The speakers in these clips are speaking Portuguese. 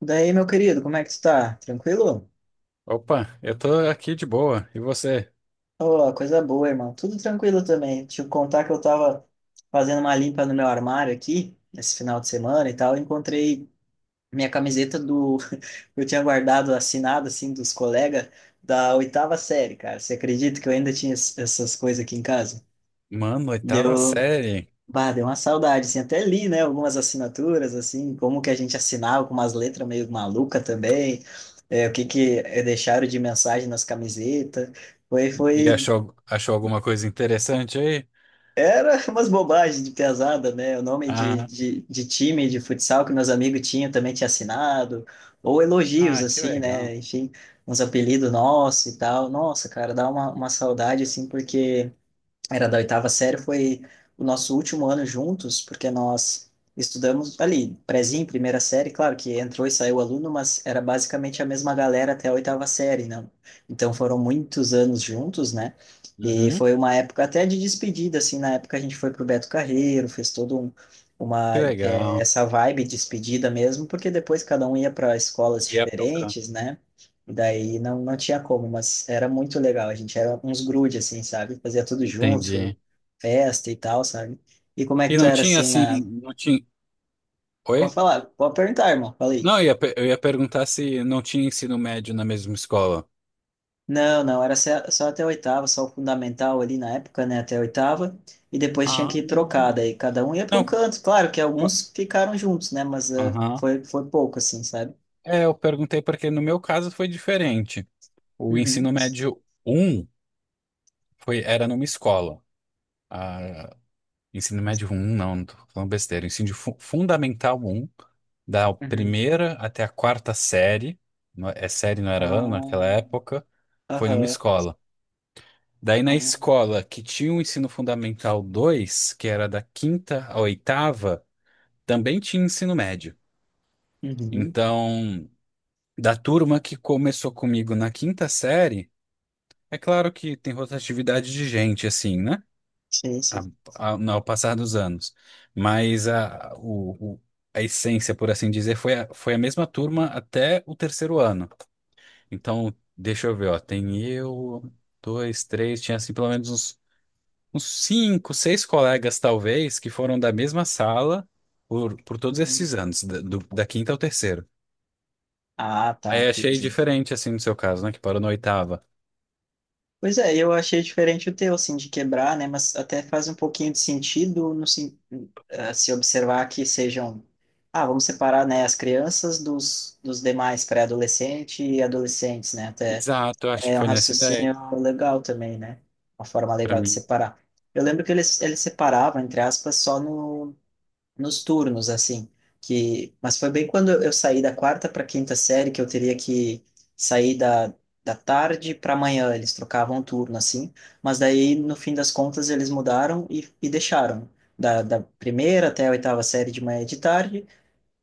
Daí, meu querido, como é que tu tá? Tranquilo? Opa, eu tô aqui de boa. E você? Ô, coisa boa, irmão. Tudo tranquilo também. Te contar que eu tava fazendo uma limpa no meu armário aqui, esse final de semana e tal. Eu encontrei minha camiseta do. Eu tinha guardado assinado, assim, dos colegas da oitava série, cara. Você acredita que eu ainda tinha essas coisas aqui em casa? Mano, oitava Deu, série. Bah, deu uma saudade, assim, até li, né, algumas assinaturas, assim, como que a gente assinava com umas letras meio maluca também, é, o que que é, deixaram de mensagem nas camisetas, foi, E foi, achou alguma coisa interessante aí? era umas bobagens de pesada, né, o nome de, Ah, de, de time de futsal que meus amigos tinham também tinha assinado, ou elogios, ah, que assim, legal. né, enfim, uns apelidos nossos e tal, nossa, cara, dá uma saudade, assim, porque era da oitava série, foi o nosso último ano juntos, porque nós estudamos ali, prézinho, primeira série, claro que entrou e saiu aluno, mas era basicamente a mesma galera até a oitava série, não? Então foram muitos anos juntos, né? E Uhum, foi uma época até de despedida, assim, na época a gente foi pro Beto Carreiro, fez todo um, que uma, é, legal. essa vibe de despedida mesmo, porque depois cada um ia para E escolas ia tocando. diferentes, né? Daí não, não tinha como, mas era muito legal. A gente era uns grude, assim, sabe? Fazia tudo junto, Entendi. festa e tal, sabe? E como é que E tu não era, tinha assim, assim, na... não tinha. Pode Oi? falar, pode perguntar, irmão. Falei. Não, eu ia perguntar se não tinha ensino médio na mesma escola. Não, não, era só até a oitava, só o fundamental ali na época, né? Até a oitava. E depois tinha Ah, que ir trocar, daí cada um ia para um não. canto. Claro que alguns ficaram juntos, né? Mas eh, Aham. foi, foi pouco, assim, sabe? É, eu perguntei porque no meu caso foi diferente. O Uhum, ensino médio um era numa escola. Ah, ensino médio um não, não tô falando besteira. Ensino fundamental um, da uhum. primeira até a quarta série, não é série, não era ano naquela Ah, época, foi numa aham. escola. Daí na Ah, escola que tinha o ensino fundamental dois, que era da quinta à oitava, também tinha ensino médio. uhum. Então, da turma que começou comigo na quinta série, é claro que tem rotatividade de gente, assim, né? Sim, a- sim. a- no- ao passar dos anos. Mas a essência, por assim dizer, foi a mesma turma até o terceiro ano. Então, deixa eu ver, ó, tem eu, dois, três, tinha assim pelo menos uns cinco, seis colegas, talvez, que foram da mesma sala por todos Uhum. esses anos, da quinta ao terceiro. Ah, tá, Aí achei entendi. diferente, assim, no seu caso, né, que parou na oitava. Pois é, eu achei diferente o teu, assim, de quebrar, né? Mas até faz um pouquinho de sentido no, se observar que sejam. Ah, vamos separar, né, as crianças dos, dos demais pré-adolescente e adolescentes, né? Até Exato, eu acho que é um foi nessa ideia, raciocínio legal também, né? Uma forma pra legal de mim. separar. Eu lembro que eles separavam, entre aspas, só no nos turnos, assim, que, mas foi bem quando eu saí da quarta para quinta série que eu teria que sair da, da tarde para manhã, eles trocavam turno, assim, mas daí, no fim das contas, eles mudaram e deixaram, da, da primeira até a oitava série de manhã e de tarde,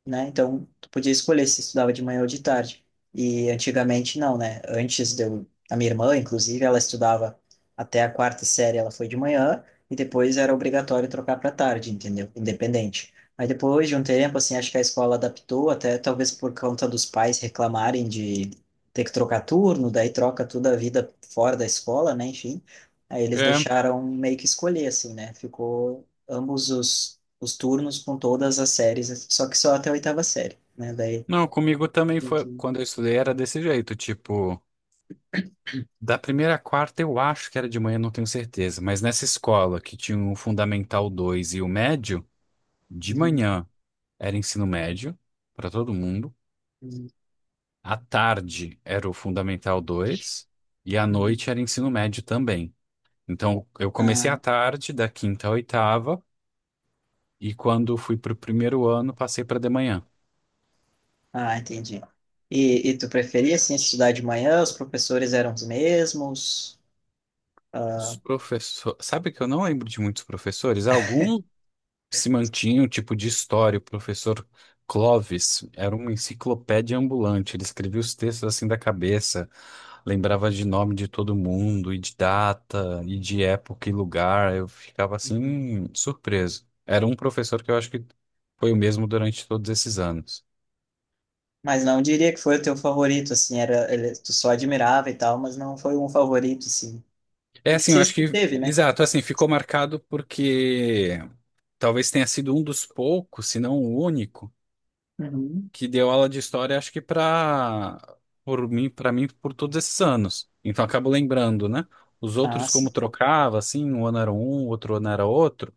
né? Então, tu podia escolher se estudava de manhã ou de tarde. E antigamente não, né? Antes de eu, a minha irmã, inclusive, ela estudava até a quarta série, ela foi de manhã e depois era obrigatório trocar para tarde, entendeu? Independente. Aí depois de um tempo, assim, acho que a escola adaptou, até talvez por conta dos pais reclamarem de ter que trocar turno, daí troca toda a vida fora da escola, né? Enfim, aí eles É, deixaram meio que escolher, assim, né? Ficou ambos os turnos com todas as séries, assim, só que só até a oitava série, né? Daí não, comigo também tinha foi, que. quando eu estudei era desse jeito, tipo. Da primeira à quarta, eu acho que era de manhã, não tenho certeza. Mas nessa escola, que tinha o Fundamental 2 e o médio, de Uhum, manhã era ensino médio para todo mundo. uhum, À tarde era o Fundamental 2 e à uhum. noite era ensino médio também. Então, eu comecei Ah, à tarde, da quinta à oitava, e quando fui para o primeiro ano, passei para de manhã. ah, entendi. E tu preferia assim, estudar de manhã? Os professores eram os mesmos? Ah, Os professores. Sabe que eu não lembro de muitos professores? Alguns se mantinha o tipo de história. O professor Clovis era uma enciclopédia ambulante. Ele escrevia os textos assim da cabeça, lembrava de nome de todo mundo, e de data, e de época e lugar. Eu ficava assim, uhum. Surpreso. Era um professor que eu acho que foi o mesmo durante todos esses anos. Mas não diria que foi o teu favorito, assim, era, ele- tu só admirava e tal, mas não foi um favorito, assim. É Nem assim, eu sei se acho tu que, teve, né? exato, assim, ficou marcado porque talvez tenha sido um dos poucos, se não o único, Uhum. que deu aula de história, acho que para mim por todos esses anos. Então acabo lembrando, né? Os Ah, outros, sim. como trocava, assim, um ano era um, outro ano era outro,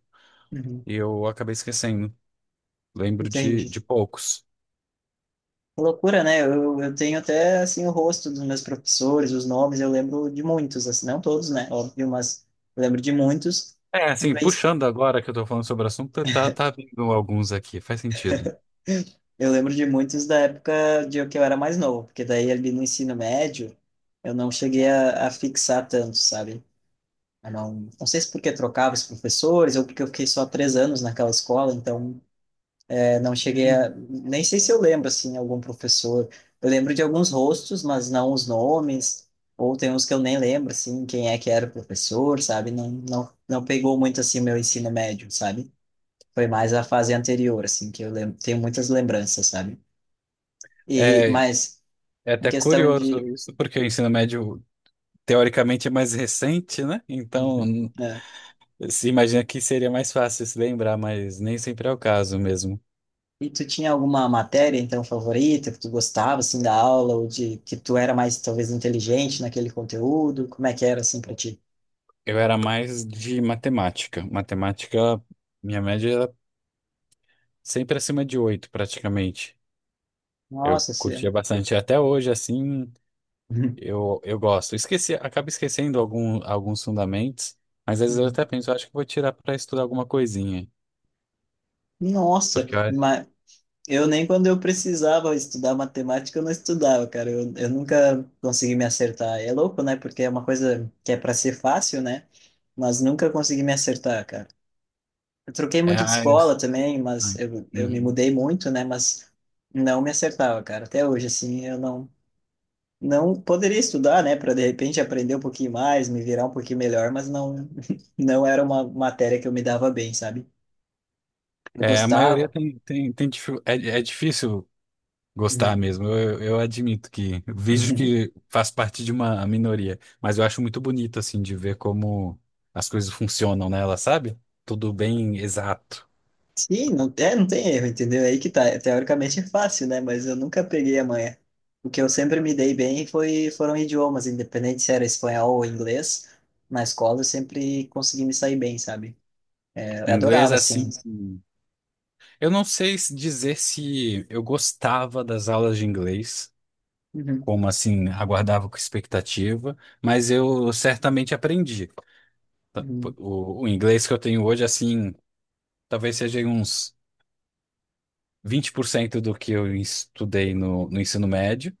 Uhum. e eu acabei esquecendo. Lembro de, Entendi. de poucos. Que loucura, né? Eu tenho até, assim, o rosto dos meus professores, os nomes, eu lembro de muitos, assim, não todos, né? Óbvio, mas eu lembro de muitos. É, assim, Mas puxando agora que eu tô falando sobre o assunto, tá vindo alguns aqui, faz sentido. eu lembro de muitos da época de que eu era mais novo, porque daí ali no ensino médio eu não cheguei a fixar tanto, sabe? Eu não, não sei se porque trocava os professores ou porque eu fiquei só 3 anos naquela escola, então eu não cheguei E a. Nem sei se eu lembro, assim, algum professor. Eu lembro de alguns rostos, mas não os nomes. Ou tem uns que eu nem lembro, assim, quem é que era o professor, sabe? Não, não, não pegou muito, assim, meu ensino médio, sabe? Foi mais a fase anterior, assim, que eu lembro. Tenho muitas lembranças, sabe? E, É, mas, é, em até questão curioso de. isso, porque o ensino médio teoricamente é mais recente, né? Então, Uhum. É. se imagina que seria mais fácil se lembrar, mas nem sempre é o caso mesmo. E tu tinha alguma matéria, então, favorita, que tu gostava, assim, da aula, ou de que tu era mais, talvez, inteligente naquele conteúdo? Como é que era, assim, pra ti? Eu era mais de matemática. Matemática, minha média era sempre acima de 8 praticamente. Eu Nossa, assim... curtia bastante. Até hoje, assim, eu gosto. Esqueci, acabo esquecendo alguns fundamentos, mas às vezes eu Uhum. até penso, eu acho que vou tirar para estudar alguma coisinha. Nossa, Porque eu- mas eu nem quando eu precisava estudar matemática, eu não estudava, cara. Eu nunca consegui me acertar. É louco, né? Porque é uma coisa que é para ser fácil, né? Mas nunca consegui me acertar, cara. Eu troquei É, muito de ah, escola também, mas ai, eu me uhum. mudei muito, né? Mas não me acertava, cara. Até hoje, assim, eu não, não poderia estudar, né? Para de repente aprender um pouquinho mais, me virar um pouquinho melhor, mas não, não era uma matéria que eu me dava bem, sabe? Eu É, a maioria gostava. tem, é difícil gostar Uhum. mesmo, eu admito que vejo que faz parte de uma minoria, mas eu acho muito bonito, assim, de ver como as coisas funcionam nela, sabe? Tudo bem, exato. Sim, não, é, não tem erro, entendeu? É aí que tá. Teoricamente é fácil, né? Mas eu nunca peguei a manha. O que eu sempre me dei bem foi, foram idiomas, independente se era espanhol ou inglês. Na escola eu sempre consegui me sair bem, sabe? É, eu Inglês, adorava, assim. assim, eu não sei dizer se eu gostava das aulas de inglês, Uhum, como assim, aguardava com expectativa, mas eu certamente aprendi. Tá, pô, uhum, o inglês que eu tenho hoje, assim, talvez seja uns 20% do que eu estudei no ensino médio.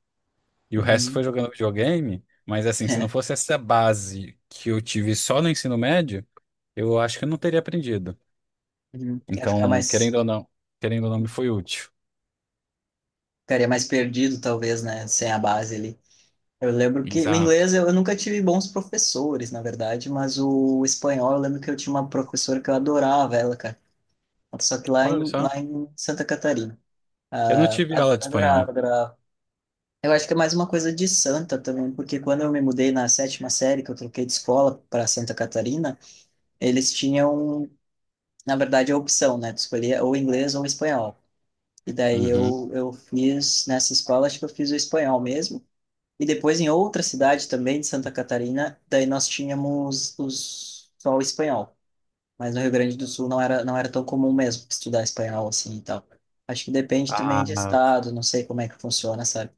E o resto foi uhum. jogando videogame, mas assim, se não fosse essa base que eu tive só no ensino médio, eu acho que eu não teria aprendido. Uhum. Ia ficar Então, mais, querendo ou não, me foi útil. ficaria mais perdido, talvez, né? Sem a base ali. Eu lembro que o Exato. inglês eu nunca tive bons professores, na verdade, mas o espanhol eu lembro que eu tinha uma professora que eu adorava ela, cara. Só que lá Olha em, só, lá em Santa Catarina. eu não Ah, tive a- aula de adorava, espanhol. adorava. Eu acho que é mais uma coisa de Santa também, porque quando eu me mudei na sétima série, que eu troquei de escola para Santa Catarina, eles tinham, na verdade, a opção, né? Tu escolhia ou inglês ou espanhol. E daí Uhum. eu fiz nessa escola, acho que eu fiz o espanhol mesmo. E depois em outra cidade também de Santa Catarina, daí nós tínhamos os, só o espanhol. Mas no Rio Grande do Sul não era, não era tão comum mesmo estudar espanhol assim e tal. Acho que depende também Ah, de estado, não sei como é que funciona, sabe?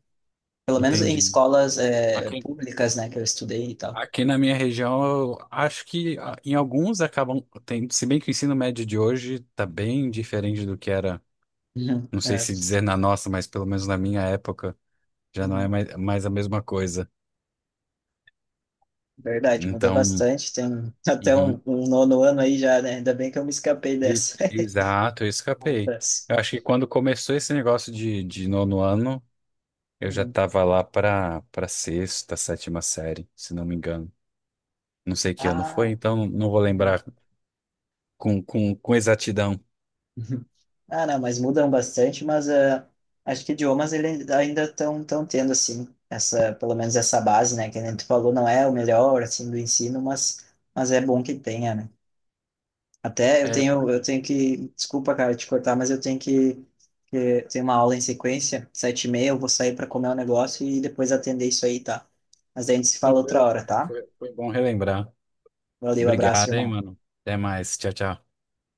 Pelo menos em entendi. escolas é, Aqui, públicas, né, que eu estudei e tal. aqui, na minha região, eu acho que em alguns acabam, tem, se bem que o ensino médio de hoje está bem diferente do que era, Uhum, não sei é, se dizer na nossa, mas pelo menos na minha época, já não é uhum. mais a mesma coisa. Verdade, muda Então, bastante. Tem até um, uhum. um nono ano aí já, né? Ainda bem que eu me escapei dessa. Exato, eu escapei. Outras. Eu acho que quando começou esse negócio de nono ano, eu já Uhum. estava lá para sexta, sétima série, se não me engano. Não sei que ano foi, Ah, então não vou uhum. lembrar com exatidão. Uhum. Ah, não, mas mudam bastante, mas ah, acho que idiomas ele ainda estão tão tendo, assim, essa, pelo menos essa base, né? Que nem tu falou, não é o melhor, assim, do ensino, mas é bom que tenha, né? Até eu É, tenho, foi eu tenho que, desculpa, cara, te cortar, mas que eu tenho uma aula em sequência, 7h30, eu vou sair para comer um negócio e depois atender isso aí, tá? Mas daí a gente se fala outra tranquilo, foi, hora, tá? foi, foi bom relembrar. Valeu, abraço, Obrigado, hein, irmão. mano. Até mais. Tchau, tchau.